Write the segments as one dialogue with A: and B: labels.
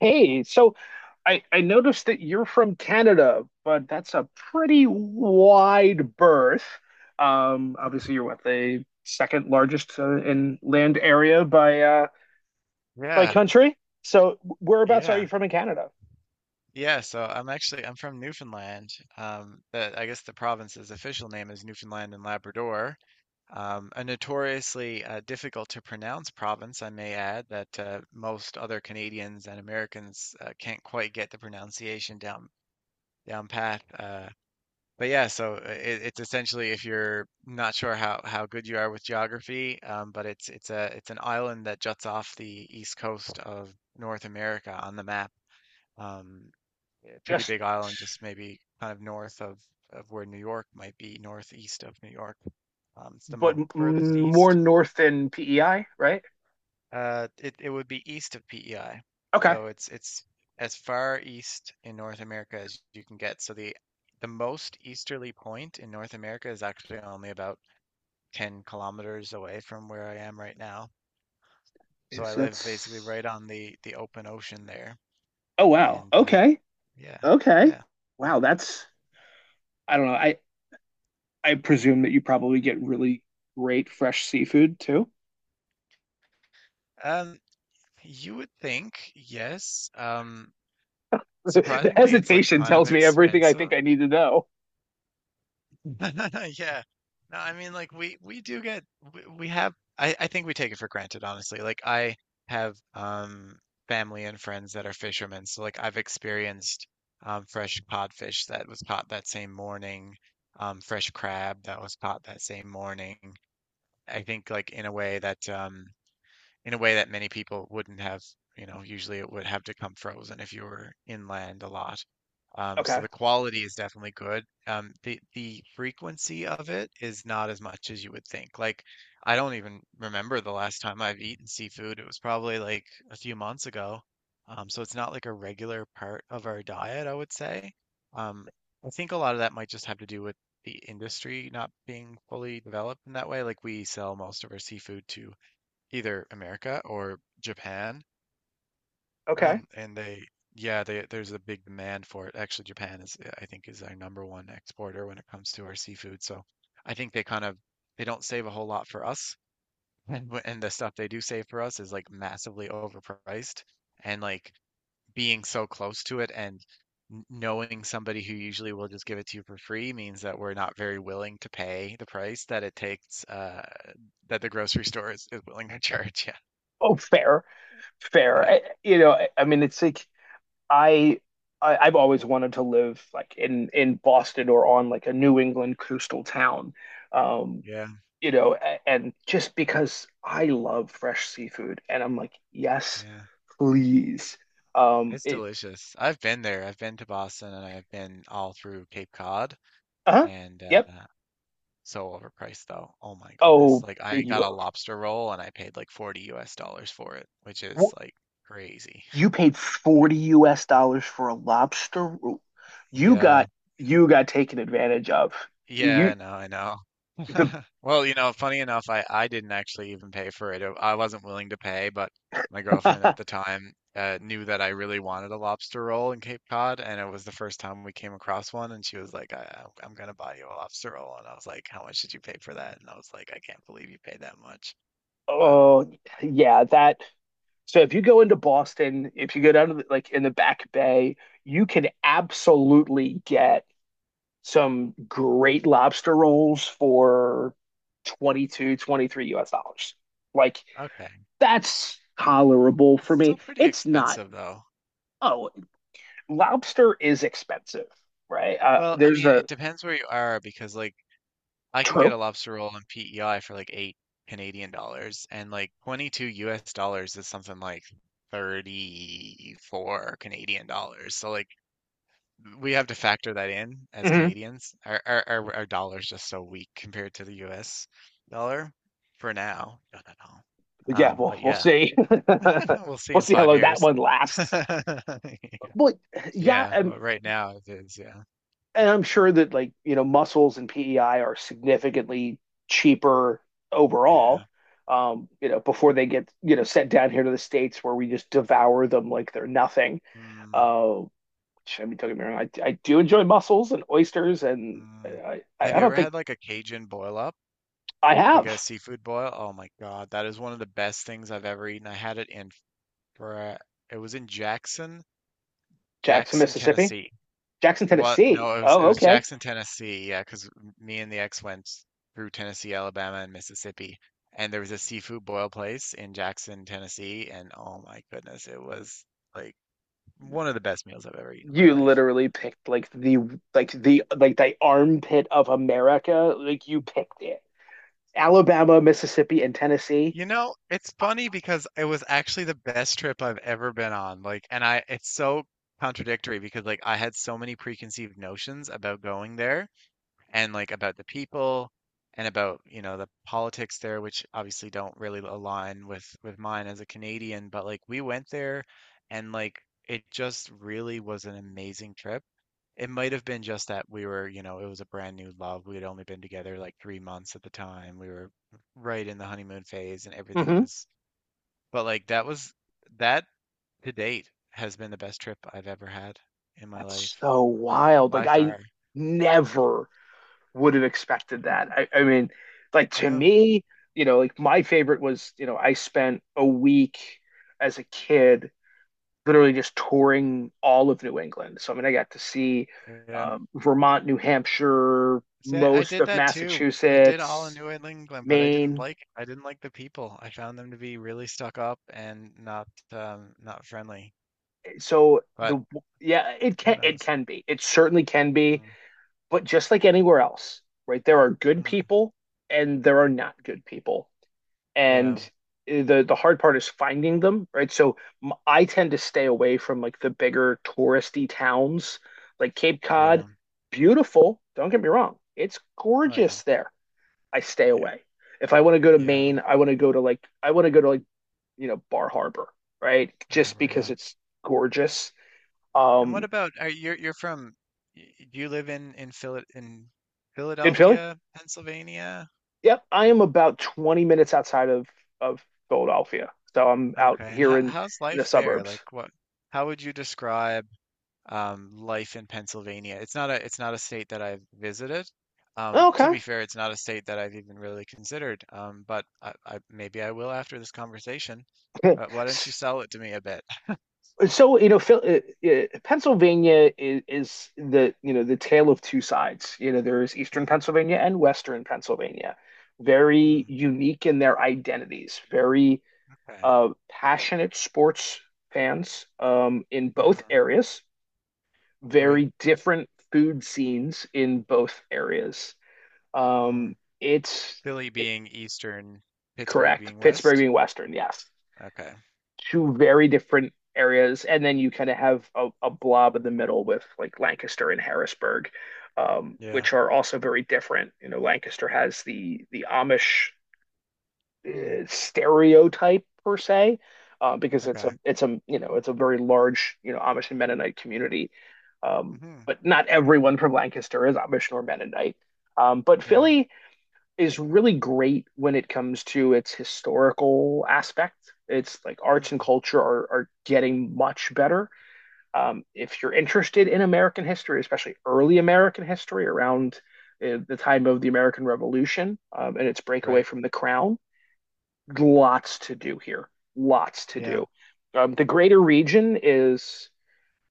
A: Hey, so I
B: Right.
A: noticed that you're from Canada, but that's a pretty wide berth. Obviously, you're what, the second largest in land area by
B: Yeah,
A: country. So, whereabouts are you
B: yeah,
A: from in Canada?
B: yeah. So I'm actually I'm from Newfoundland. I guess the province's official name is Newfoundland and Labrador. A notoriously difficult to pronounce province, I may add, that most other Canadians and Americans can't quite get the pronunciation down pat. But yeah, it's essentially if you're not sure how good you are with geography, but it's an island that juts off the east coast of North America on the map. Um, a pretty
A: Just
B: big island, just maybe kind of of where New York might be, northeast of New York. It's the
A: but
B: most furthest
A: more
B: east.
A: north than PEI, right?
B: It would be east of PEI,
A: Okay.
B: so it's as far east in North America as you can get. So the most easterly point in North America is actually only about 10 kilometers away from where I am right now. So
A: Yes,
B: I live basically
A: that's.
B: right on the open ocean there.
A: Oh wow.
B: And
A: Okay.
B: yeah.
A: Okay.
B: Yeah.
A: Wow, that's. I don't know. I presume that you probably get really great fresh seafood too.
B: Um you would think, yes.
A: The
B: Surprisingly it's like
A: hesitation
B: kind of
A: tells me everything I think
B: expensive.
A: I need to know.
B: Yeah. No, I mean, like we do get. We have I think we take it for granted, honestly. Like I have family and friends that are fishermen, so like I've experienced fresh codfish that was caught that same morning, fresh crab that was caught that same morning. I think like in a way that in a way that many people wouldn't have, you know, usually it would have to come frozen if you were inland a lot. So
A: Okay.
B: the quality is definitely good. The frequency of it is not as much as you would think. Like, I don't even remember the last time I've eaten seafood. It was probably like a few months ago. So it's not like a regular part of our diet, I would say. Um, I think a lot of that might just have to do with the industry not being fully developed in that way. Like we sell most of our seafood to either America or Japan.
A: Okay.
B: Um, and they, yeah, there's a big demand for it. Actually, Japan is, I think, is our number one exporter when it comes to our seafood. So I think they kind of they don't save a whole lot for us, and and the stuff they do save for us is like massively overpriced. And like being so close to it and knowing somebody who usually will just give it to you for free means that we're not very willing to pay the price that it takes that the grocery store is willing to charge.
A: Oh, fair, fair.
B: Yeah,
A: I I mean, it's like I, I I've always wanted to live like in Boston or on like a New England coastal town. Um,
B: yeah, yeah.
A: you know, and just because I love fresh seafood, and I'm like, yes,
B: Yeah,
A: please. Um,
B: it's
A: it,
B: delicious. I've been there. I've been to Boston and I've been all through Cape Cod
A: uh-huh,
B: and
A: yep.
B: so overpriced though. Oh my goodness.
A: Oh,
B: Like I got a
A: you.
B: lobster roll and I paid like 40 US dollars for it, which is like crazy.
A: You paid 40 US dollars for a lobster roll. You
B: yeah.
A: got you got taken advantage of.
B: Yeah,
A: You
B: I know, I know.
A: the
B: Well, you know, funny enough, I didn't actually even pay for it. I wasn't willing to pay, but my girlfriend at the time knew that I really wanted a lobster roll in Cape Cod, and it was the first time we came across one, and she was like, "I'm gonna buy you a lobster roll," and I was like, "How much did you pay for that?" And I was like, "I can't believe you paid that much." But
A: oh yeah, that so if you go into Boston, if you go down to the, like in the Back Bay, you can absolutely get some great lobster rolls for 22, 23 US dollars. Like
B: okay,
A: that's tolerable
B: it's
A: for
B: still
A: me.
B: pretty
A: It's not,
B: expensive though.
A: oh, lobster is expensive, right?
B: Well, I
A: There's
B: mean,
A: a
B: it depends where you are because like. I can get
A: trope.
B: a lobster roll in PEI for like eight Canadian dollars, and like 22 US dollars is something like 34 Canadian dollars. So like we have to factor that in as
A: Hmm.
B: Canadians. Our dollar's just so weak compared to the US dollar for now. Don't know.
A: Yeah, we'll
B: But
A: we'll
B: yeah,
A: see.
B: we'll see
A: We'll
B: in
A: see how
B: five
A: long that
B: years.
A: one lasts. But yeah,
B: Yeah, but right now it is. Yeah,
A: and I'm sure that, like, you know, mussels and PEI are significantly cheaper
B: yeah.
A: overall. You know, before they get, you know, sent down here to the States where we just devour them like they're nothing.
B: Mm,
A: Uh, which, I mean, don't get me wrong, I do enjoy mussels and oysters, and
B: mm. Have
A: I
B: you ever
A: don't think
B: had like a Cajun boil up?
A: I
B: Like a
A: have.
B: seafood boil. Oh my God, that is one of the best things I've ever eaten. I had it in for. It was in
A: Jackson,
B: Jackson,
A: Mississippi.
B: Tennessee.
A: Jackson,
B: What?
A: Tennessee.
B: No, it
A: Oh,
B: was
A: okay.
B: Jackson, Tennessee. Yeah, because me and the ex went through Tennessee, Alabama, and Mississippi, and there was a seafood boil place in Jackson, Tennessee, and oh my goodness, it was like one of the best meals I've ever eaten in my
A: You
B: life.
A: literally picked like the armpit of America. Like you picked it. Alabama, Mississippi, and Tennessee.
B: You know, it's funny because it was actually the best trip I've ever been on. It's so contradictory because like I had so many preconceived notions about going there and like about the people and about you know the politics there, which obviously don't really align with mine as a Canadian, but like we went there and like it just really was an amazing trip. It might have been just that we were, you know, it was a brand new love. We had only been together like 3 months at the time. We were right in the honeymoon phase and everything
A: Hmm.
B: was, but like that was that to date has been the best trip I've ever had in my
A: That's
B: life,
A: so wild. Like
B: by
A: I
B: far.
A: never would have expected that. I mean, like to
B: Yeah,
A: me, you know, like my favorite was, you know, I spent a week as a kid literally just touring all of New England. So, I mean, I got to see
B: yeah.
A: Vermont, New Hampshire,
B: See, I
A: most
B: did
A: of
B: that too. I did all in
A: Massachusetts,
B: New England, but I didn't
A: Maine.
B: like I didn't like the people. I found them to be really stuck up and not not friendly.
A: So
B: But
A: the Yeah, it
B: who
A: can it
B: knows?
A: can be. It certainly can be,
B: Mm,
A: but just like anywhere else, right? There are good
B: mhm.
A: people and there are not good people. And
B: Yeah,
A: the hard part is finding them, right? So I tend to stay away from like the bigger touristy towns, like Cape
B: yeah.
A: Cod. Beautiful, don't get me wrong. It's
B: Oh yeah,
A: gorgeous there. I stay
B: yeah,
A: away. If I want to go to
B: yeah.
A: Maine, I want to go to like you know, Bar Harbor, right?
B: Bar
A: Just
B: Harbor,
A: because
B: yeah.
A: it's gorgeous.
B: And what
A: Um
B: about are you're from? Do you live in Phil in
A: in Philly?
B: Philadelphia, Pennsylvania?
A: Yep, I am about 20 minutes outside of Philadelphia. So I'm out
B: Okay. And
A: here
B: how's
A: in the
B: life there? Like
A: suburbs.
B: what? How would you describe? Life in Pennsylvania. It's not a state that I've visited. To
A: Okay.
B: be fair, it's not a state that I've even really considered. But maybe I will after this conversation. Why don't you sell it to me a bit?
A: So you know Phil, Pennsylvania is the, you know, the tale of two sides. You know, there is eastern
B: Mm,
A: Pennsylvania and western Pennsylvania, very
B: mm,
A: unique in their identities, very
B: okay.
A: passionate sports fans in both
B: Mm,
A: areas,
B: right.
A: very different food scenes in both areas, um,
B: Mm.
A: it's
B: Philly
A: it,
B: being eastern, Pittsburgh
A: correct,
B: being
A: Pittsburgh
B: west.
A: being western, yes.
B: Okay.
A: Two very different areas, and then you kind of have a blob in the middle with like Lancaster and Harrisburg,
B: Yeah.
A: which are also very different. You know, Lancaster has the Amish
B: Mm,
A: stereotype per se, because it's a
B: okay.
A: it's a you know, it's a very large, you know, Amish and Mennonite community, um,
B: Hmm.
A: but not everyone from Lancaster is Amish nor Mennonite. But
B: Yeah.
A: Philly is really great when it comes to its historical aspect. It's like arts and
B: Mm,
A: culture are getting much better. If you're interested in American history, especially early American history around the time of the American Revolution and its breakaway
B: right.
A: from the crown, lots to do here. Lots to
B: Yeah.
A: do. The greater region is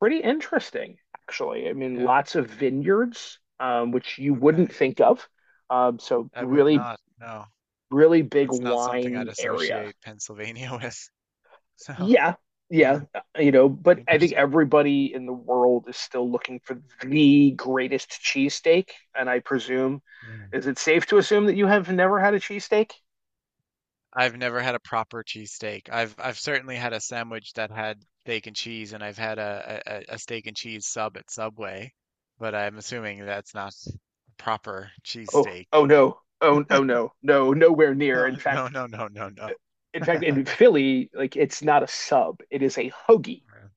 A: pretty interesting, actually. I mean,
B: Yeah.
A: lots of vineyards, which you wouldn't
B: Okay.
A: think of. So
B: I would
A: really
B: not. No,
A: really big
B: that's not something I'd
A: wine area.
B: associate Pennsylvania with. So,
A: Yeah, yeah,
B: wow,
A: you know, but I think
B: interesting.
A: everybody in the world is still looking for the greatest cheesesteak. And I presume,
B: Yeah,
A: is it safe to assume that you have never had a cheesesteak?
B: I've never had a proper cheesesteak. I've certainly had a sandwich that had steak and cheese, and I've had a steak and cheese sub at Subway, but I'm assuming that's not a proper
A: Oh,
B: cheesesteak.
A: oh no, oh, oh no, no, nowhere near.
B: No,
A: In
B: no,
A: fact,
B: no, no, no, no.
A: uh, in fact, in Philly, like, it's not a sub; it is a hoagie,
B: Yeah.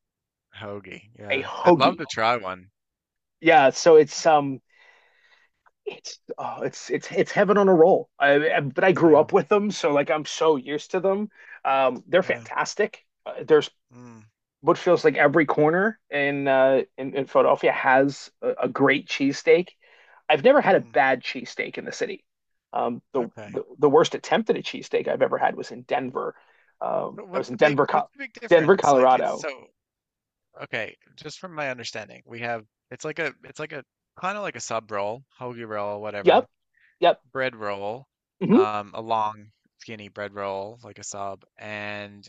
B: Hoagie.
A: a
B: Yeah. I'd love
A: hoagie.
B: to try one.
A: Yeah, so it's oh, it's heaven on a roll. But I grew
B: Yeah.
A: up with them, so like I'm so used to them. They're
B: Yeah.
A: fantastic. There's
B: Mm,
A: what feels like every corner in in Philadelphia has a great cheesesteak. I've never had a
B: mm,
A: bad cheesesteak in the city. Um, the,
B: okay.
A: the the worst attempt at a cheesesteak I've ever had was in Denver.
B: But
A: I
B: what's
A: was
B: the
A: in
B: big what's the big
A: Denver,
B: difference? Like it's so
A: Colorado.
B: okay, just from my understanding, we have it's like a kind of like a sub roll, hoagie roll, whatever,
A: Yep, yep,
B: bread roll,
A: hmm,
B: a long skinny bread roll like a sub, and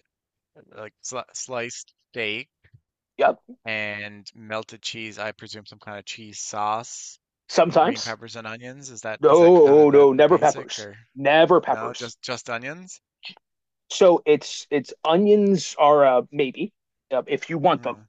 B: sliced steak
A: yep.
B: and melted cheese. I presume some kind of cheese sauce and green
A: Sometimes.
B: peppers and onions. Is that kind
A: No,
B: of the
A: no,
B: the
A: never
B: basic
A: peppers.
B: or
A: Never
B: no?
A: peppers.
B: Just onions?
A: So it's Onions are maybe if you want them,
B: Hmm.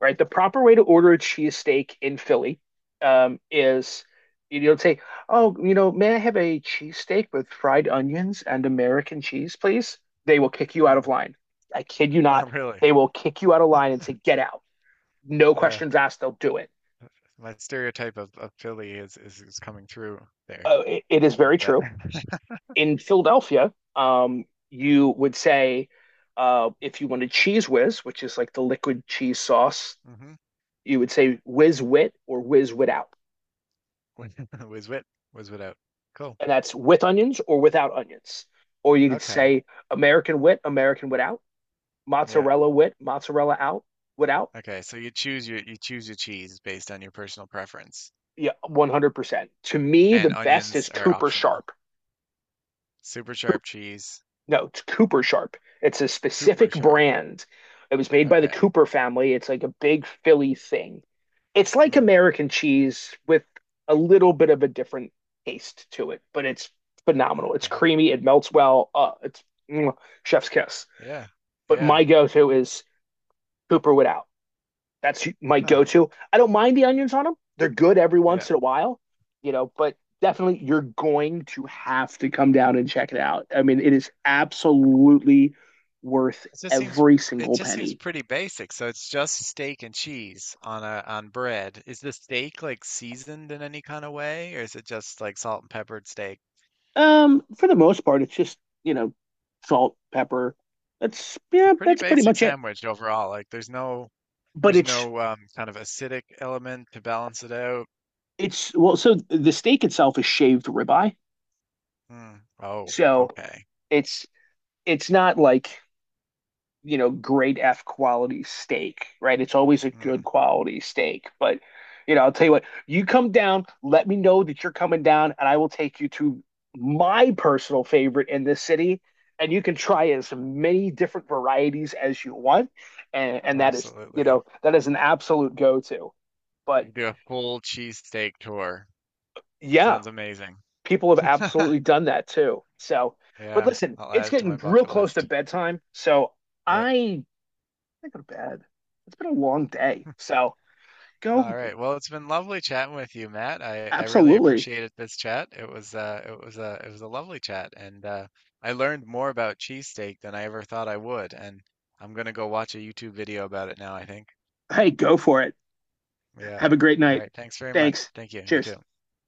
A: right? The proper way to order a cheesesteak in Philly is you don't say, "Oh, you know, may I have a cheesesteak with fried onions and American cheese, please?" They will kick you out of
B: Hmm.
A: line. I kid you not.
B: Not really.
A: They will kick you out of line and say, "Get out." No
B: Yeah,
A: questions asked. They'll do it.
B: my stereotype of Philly is is coming through there
A: It is
B: a
A: very
B: little bit.
A: true. In Philadelphia, you would say if you want a cheese whiz, which is like the liquid cheese sauce,
B: Mm-hmm.
A: you would say whiz wit or whiz without,
B: Was was wit was without. Cool.
A: and that's with onions or without onions. Or you could
B: Okay.
A: say American wit, American without,
B: Yeah.
A: mozzarella wit, mozzarella out, without.
B: Okay. So you choose your cheese based on your personal preference,
A: Yeah, 100%. To me, the
B: and
A: best is
B: onions are
A: Cooper
B: optional.
A: Sharp.
B: Super sharp cheese,
A: No, it's Cooper Sharp. It's a
B: Cooper
A: specific
B: sharp.
A: brand. It was made by the
B: Okay.
A: Cooper family. It's like a big Philly thing. It's like
B: Hmm.
A: American cheese with a little bit of a different taste to it, but it's phenomenal. It's
B: Okay.
A: creamy. It melts well. Mm, Chef's kiss.
B: Yeah.
A: But
B: Yeah.
A: my go-to is Cooper without. That's my
B: Huh.
A: go-to. I don't mind the onions on them. They're good every
B: Yeah.
A: once in a while, you know, but definitely you're going to have to come down and check it out. I mean, it is absolutely worth
B: It just seems
A: every
B: it
A: single
B: just seems
A: penny.
B: pretty basic. So it's just steak and cheese on a on bread. Is the steak like seasoned in any kind of way, or is it just like salt and peppered steak?
A: For the most part, it's just, you know, salt, pepper. That's
B: It's a
A: yeah,
B: pretty
A: that's pretty
B: basic
A: much it.
B: sandwich overall. Like there's
A: But
B: No kind of acidic element to balance it out.
A: it's Well, so the steak itself is shaved ribeye.
B: Mm. Oh,
A: So
B: okay.
A: it's it's not like, you know, grade F quality steak, right? It's always a good
B: Mm.
A: quality steak. But, you know, I'll tell you what, you come down, let me know that you're coming down, and I will take you to my personal favorite in this city. And you can try as many different varieties as you want. And that is, you
B: Absolutely.
A: know, that is an absolute go-to.
B: We
A: But
B: could do a full cheesesteak tour.
A: yeah,
B: Sounds amazing.
A: people have absolutely done that too. So, but
B: Yeah,
A: listen,
B: I'll
A: it's
B: add it to
A: getting
B: my
A: real
B: bucket
A: close to
B: list.
A: bedtime. So
B: Yep.
A: I I go to bed. It's been a long day. So go.
B: All right. Well, it's been lovely chatting with you, Matt. I really
A: Absolutely.
B: appreciated this chat. It was a lovely chat and I learned more about cheesesteak than I ever thought I would, and I'm gonna go watch a YouTube video about it now, I think.
A: Hey, go for it.
B: Yeah.
A: Have a great
B: All
A: night.
B: right. Thanks very much.
A: Thanks.
B: Thank you. You
A: Cheers.
B: too.